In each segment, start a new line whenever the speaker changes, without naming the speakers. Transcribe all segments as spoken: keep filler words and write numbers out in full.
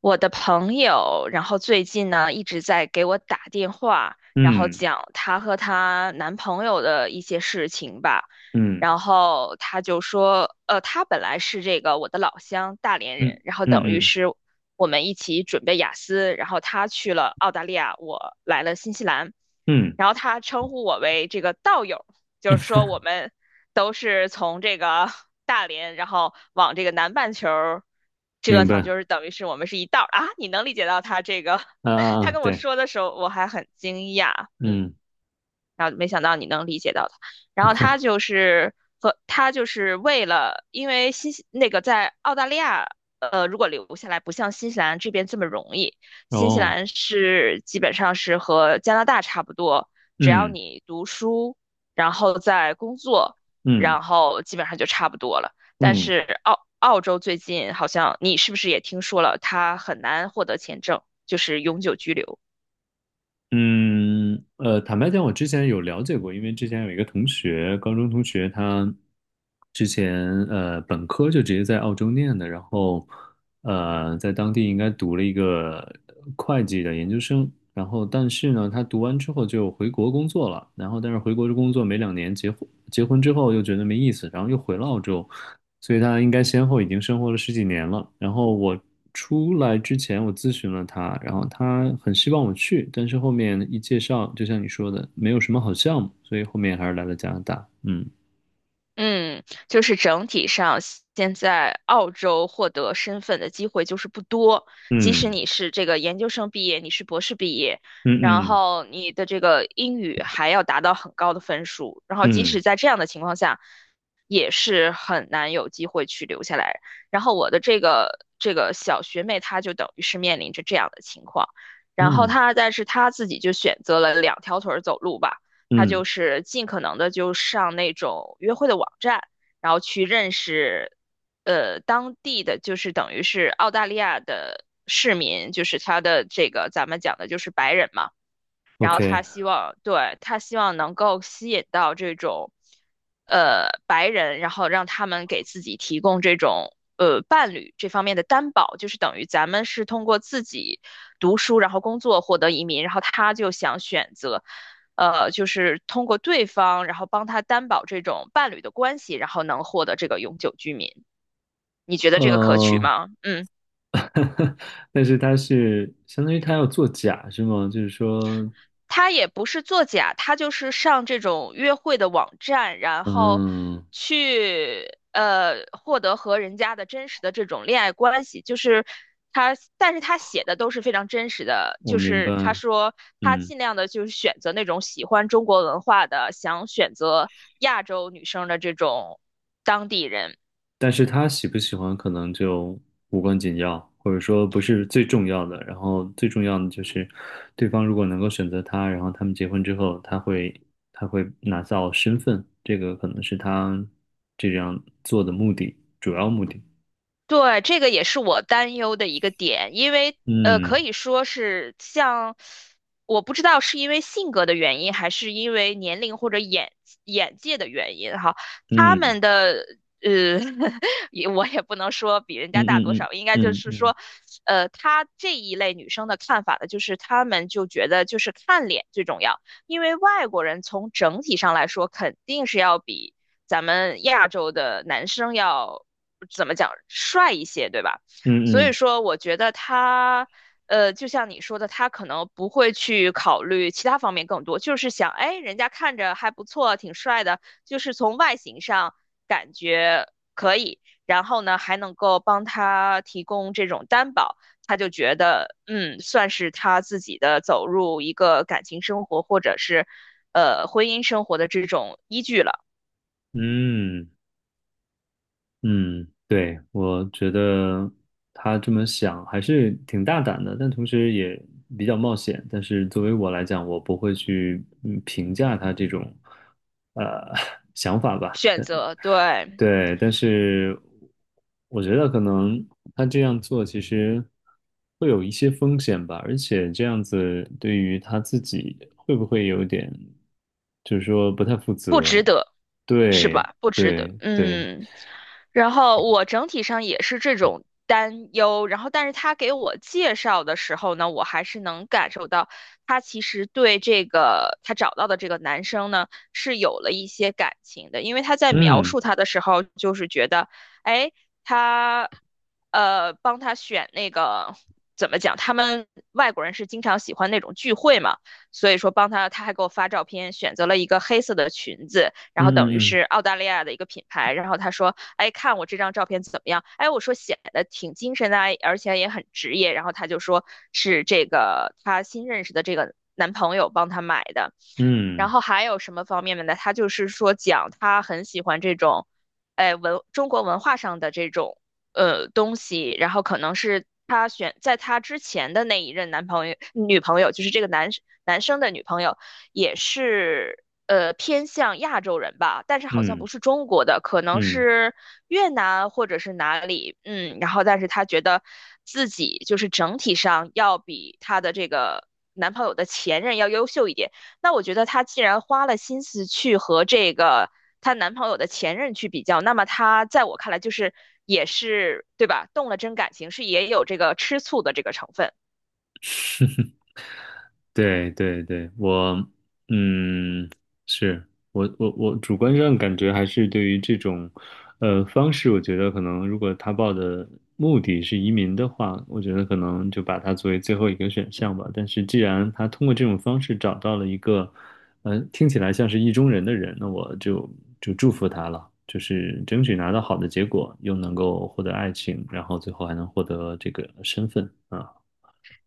我的朋友，然后最近呢一直在给我打电话，然后
嗯。
讲她和她男朋友的一些事情吧。
嗯。
然后她就说，呃，她本来是这个我的老乡大连
嗯。
人，然后等
嗯。
于
嗯。
是我们一起准备雅思，然后他去了澳大利亚，我来了新西兰，
嗯。
然后他称呼我为这个道友，就是说我们都是从这个 大连，然后往这个南半球折
明
腾，
白。
就是等于是我们是一道儿啊。你能理解到他这个，
啊啊
他
啊，
跟我
对。
说的时候，我还很惊讶，嗯。
嗯。
然后没想到你能理解到他，然后他就 是和他就是为了，因为新西那个在澳大利亚，呃，如果留下来不像新西兰这边这么容易，新西
哦。
兰是基本上是和加拿大差不多，只要
嗯。
你读书，然后在工作，
嗯。
然后基本上就差不多了。但
嗯。
是澳澳洲最近好像你是不是也听说了，他很难获得签证，就是永久居留。
嗯。呃，坦白讲，我之前有了解过，因为之前有一个同学，高中同学，他之前呃本科就直接在澳洲念的，然后呃在当地应该读了一个会计的研究生，然后但是呢，他读完之后就回国工作了，然后但是回国工作没两年结婚，结婚之后又觉得没意思，然后又回了澳洲，所以他应该先后已经生活了十几年了。然后我出来之前，我咨询了他，然后他很希望我去，但是后面一介绍，就像你说的，没有什么好项目，所以后面还是来了加拿大。嗯。
嗯，就是整体上，现在澳洲获得身份的机会就是不多。即使
嗯。
你是这个研究生毕业，你是博士毕业，
嗯。
然
嗯。
后你的这个英语还要达到很高的分数，然后即使
嗯。
在这样的情况下，也是很难有机会去留下来。然后我的这个这个小学妹，她就等于是面临着这样的情况，然后
嗯。
她但是她自己就选择了两条腿儿走路吧。他
嗯
就是尽可能的就上那种约会的网站，然后去认识，呃，当地的就是等于是澳大利亚的市民，就是他的这个咱们讲的就是白人嘛。然后他
，OK。
希望，对，他希望能够吸引到这种，呃，白人，然后让他们给自己提供这种，呃，伴侣这方面的担保，就是等于咱们是通过自己读书，然后工作获得移民，然后他就想选择，呃，就是通过对方，然后帮他担保这种伴侣的关系，然后能获得这个永久居民。你觉得这个可取
呃，
吗？嗯。
但是他是相当于他要做假是吗？就是说，
他也不是作假，他就是上这种约会的网站，然后
嗯，
去呃获得和人家的真实的这种恋爱关系，就是他，但是他写的都是非常真实的，
我
就
明白。
是他说他
嗯
尽量的就是选择那种喜欢中国文化的，想选择亚洲女生的这种当地人。
但是他喜不喜欢可能就无关紧要，或者说不是最重要的。然后最重要的就是，对方如果能够选择他，然后他们结婚之后，他会他会拿到身份，这个可能是他这样做的目的，主要目的。
对，这个也是我担忧的一个点，因为呃，可
嗯。
以说是像，我不知道是因为性格的原因，还是因为年龄或者眼眼界的原因哈，他
嗯。
们的呃，也我也不能说比人
嗯。
家大多
嗯。
少，应该就
嗯。嗯。
是
嗯。
说，呃，他这一类女生的看法呢，就是他们就觉得就是看脸最重要，因为外国人从整体上来说肯定是要比。咱们亚洲的男生要怎么讲帅一些，对吧？所
嗯。
以
嗯。
说，我觉得他，呃，就像你说的，他可能不会去考虑其他方面更多，就是想，哎，人家看着还不错，挺帅的，就是从外形上感觉可以，然后呢，还能够帮他提供这种担保，他就觉得，嗯，算是他自己的走入一个感情生活或者是，呃，婚姻生活的这种依据了。
嗯。嗯。对，我觉得他这么想还是挺大胆的，但同时也比较冒险。但是作为我来讲，我不会去嗯评价他这种呃 想法吧。
选
但
择，对，
对，但是我觉得可能他这样做其实会有一些风险吧，而且这样子对于他自己会不会有点，就是说不太负
不
责？
值得，是
对，
吧？不值得，
对，对。
嗯。然后我整体上也是这种担忧，然后但是他给我介绍的时候呢，我还是能感受到他其实对这个他找到的这个男生呢是有了一些感情的，因为他在描
嗯。
述他的时候，就是觉得，哎，他呃帮他选那个怎么讲，他们外国人是经常喜欢那种聚会嘛。所以说帮他，他还给我发照片，选择了一个黑色的裙子，然
嗯。
后等于
嗯。
是澳大利亚的一个品牌，然后他说，哎，看我这张照片怎么样？哎，我说显得挺精神的啊，而且也很职业，然后他就说是这个他新认识的这个男朋友帮他买的，然
嗯。
后还有什么方面呢？他就是说讲他很喜欢这种。哎，文中国文化上的这种呃东西，然后可能是她选在她之前的那一任男朋友女朋友，就是这个男男生的女朋友，也是呃偏向亚洲人吧，但是好像
嗯。嗯。
不是中国的，可能
嗯。
是越南或者是哪里，嗯，然后但是她觉得自己就是整体上要比她的这个男朋友的前任要优秀一点。那我觉得她既然花了心思去和这个她男朋友的前任去比较，那么她在我看来就是也是对吧？动了真感情，是也有这个吃醋的这个成分。
对对对。我嗯，是我我我主观上感觉还是对于这种呃方式，我觉得可能如果他报的目的是移民的话，我觉得可能就把它作为最后一个选项吧。但是既然他通过这种方式找到了一个呃听起来像是意中人的人，那我就就祝福他了，就是争取拿到好的结果，又能够获得爱情，然后最后还能获得这个身份啊。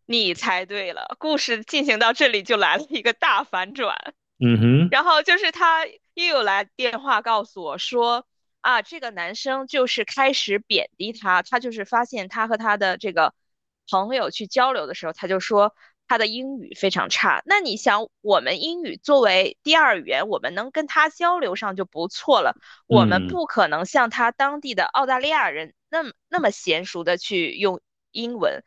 你猜对了，故事进行到这里就来了一个大反转。
嗯哼。
然后就是他又有来电话告诉我说，啊，这个男生就是开始贬低他，他就是发现他和他的这个朋友去交流的时候，他就说他的英语非常差。那你想，我们英语作为第二语言，我们能跟他交流上就不错了，我们
嗯。
不可能像他当地的澳大利亚人那么那么娴熟的去用英文。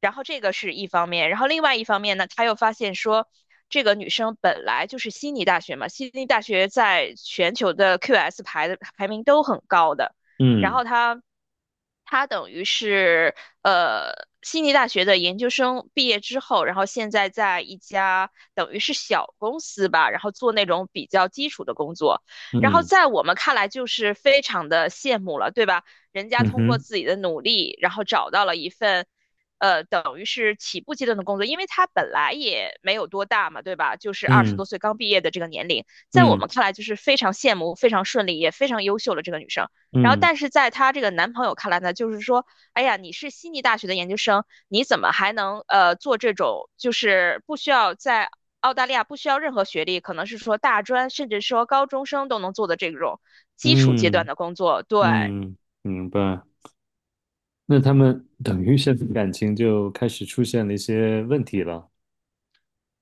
然后这个是一方面，然后另外一方面呢，他又发现说，这个女生本来就是悉尼大学嘛，悉尼大学在全球的 Q S 排的排名都很高的，然
嗯。
后她她等于是呃悉尼大学的研究生毕业之后，然后现在在一家等于是小公司吧，然后做那种比较基础的工作，然后
嗯。
在我们看来就是非常的羡慕了，对吧？人家
嗯
通过
哼。
自己的努力，然后找到了一份，呃，等于是起步阶段的工作，因为她本来也没有多大嘛，对吧？就是二十
嗯。
多岁刚毕业的这个年龄，在我
嗯。
们看来就是非常羡慕、非常顺利、也非常优秀的这个女生。然后，
嗯。
但是在她这个男朋友看来呢，就是说，哎呀，你是悉尼大学的研究生，你怎么还能呃做这种就是不需要在澳大利亚不需要任何学历，可能是说大专，甚至说高中生都能做的这种基础阶段
嗯。
的工作。对，
嗯。明白。那他们等于现在感情就开始出现了一些问题了。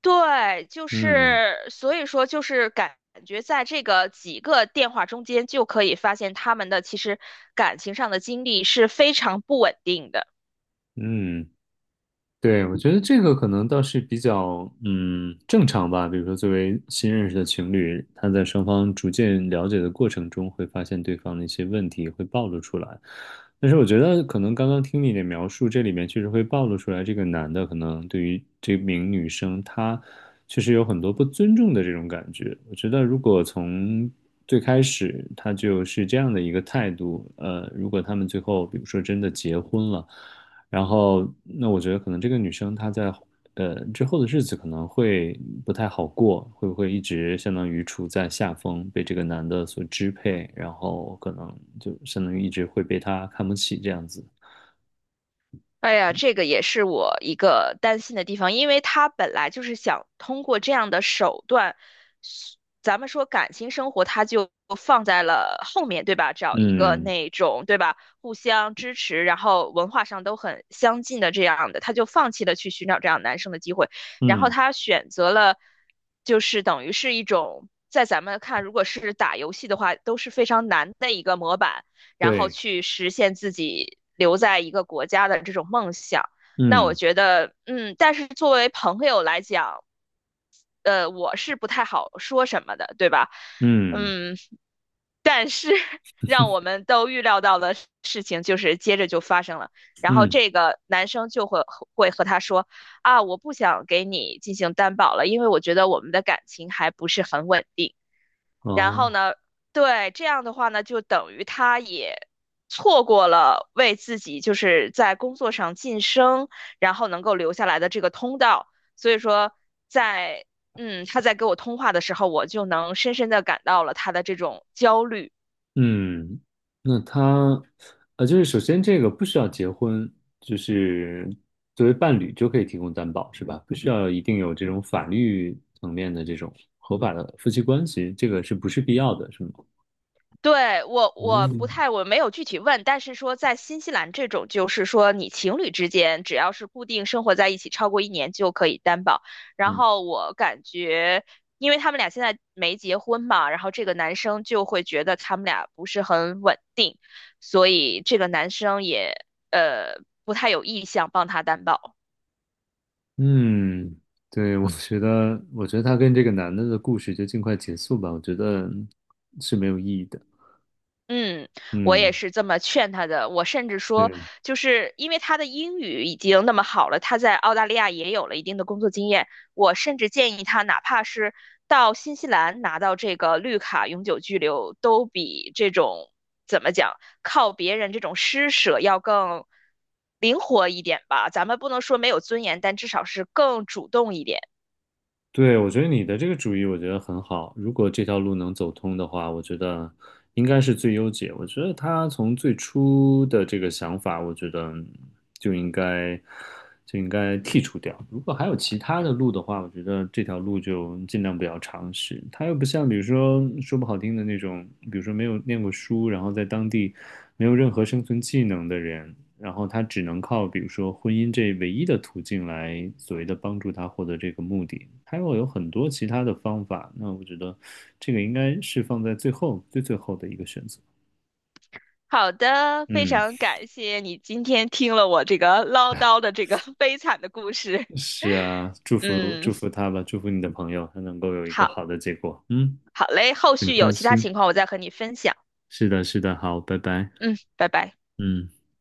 对，就
嗯。
是所以说就是感觉在这个几个电话中间就可以发现他们的其实感情上的经历是非常不稳定的。
嗯。对，我觉得这个可能倒是比较嗯正常吧。比如说，作为新认识的情侣，他在双方逐渐了解的过程中，会发现对方的一些问题会暴露出来。但是我觉得，可能刚刚听你的描述，这里面确实会暴露出来，这个男的可能对于这名女生，他确实有很多不尊重的这种感觉。我觉得，如果从最开始他就是这样的一个态度，呃，如果他们最后比如说真的结婚了。然后，那我觉得可能这个女生她在呃之后的日子可能会不太好过，会不会一直相当于处在下风，被这个男的所支配，然后可能就相当于一直会被他看不起这样子。
哎呀，这个也是我一个担心的地方，因为他本来就是想通过这样的手段，咱们说感情生活，他就放在了后面，对吧？找一个
嗯。
那种，对吧？互相支持，然后文化上都很相近的这样的，他就放弃了去寻找这样男生的机会，然后
嗯。
他选择了，就是等于是一种在咱们看，如果是打游戏的话，都是非常难的一个模板。然后
对。
去实现自己留在一个国家的这种梦想。那我
嗯。
觉得，嗯，但是作为朋友来讲，呃，我是不太好说什么的，对吧？
嗯。
嗯，但是 让我们都预料到的事情就是接着就发生了，然后
嗯。
这个男生就会会和他说啊，我不想给你进行担保了，因为我觉得我们的感情还不是很稳定。然后
哦。
呢，对，这样的话呢，就等于他也错过了为自己就是在工作上晋升，然后能够留下来的这个通道。所以说在，嗯，他在给我通话的时候，我就能深深的感到了他的这种焦虑。
嗯。那他，呃，就是首先这个不需要结婚，就是作为伴侣就可以提供担保，是吧？不需要一定有这种法律层面的这种合法的夫妻关系，这个是不是必要的，是吗？
对，我我不
嗯。
太，我没有具体问，但是说在新西兰这种，就是说你情侣之间只要是固定生活在一起超过一年就可以担保。然
嗯。
后我感觉，因为他们俩现在没结婚嘛，然后这个男生就会觉得他们俩不是很稳定，所以这个男生也呃不太有意向帮他担保。
嗯。对，我觉得，我觉得他跟这个男的的故事就尽快结束吧，我觉得是没有意义的。
嗯，我也
嗯。
是这么劝他的。我甚至说，
对。
就是因为他的英语已经那么好了，他在澳大利亚也有了一定的工作经验。我甚至建议他，哪怕是到新西兰拿到这个绿卡永久居留，都比这种怎么讲靠别人这种施舍要更灵活一点吧。咱们不能说没有尊严，但至少是更主动一点。
对，我觉得你的这个主意我觉得很好。如果这条路能走通的话，我觉得应该是最优解。我觉得他从最初的这个想法，我觉得就应该就应该剔除掉。如果还有其他的路的话，我觉得这条路就尽量不要尝试。他又不像，比如说说不好听的那种，比如说没有念过书，然后在当地没有任何生存技能的人，然后他只能靠比如说婚姻这唯一的途径来所谓的帮助他获得这个目的，他有有很多其他的方法。那我觉得这个应该是放在最后最最后的一个选择。
好的，非
嗯。
常感谢你今天听了我这个唠叨的这个 悲惨的故事。
是啊，祝福
嗯，
祝福他吧，祝福你的朋友，他能够有一个
好，
好的结果。嗯。
好嘞，后
很
续
开
有其他
心。
情况我再和你分享。
是的，是的，好，拜拜。
嗯，拜拜。
嗯。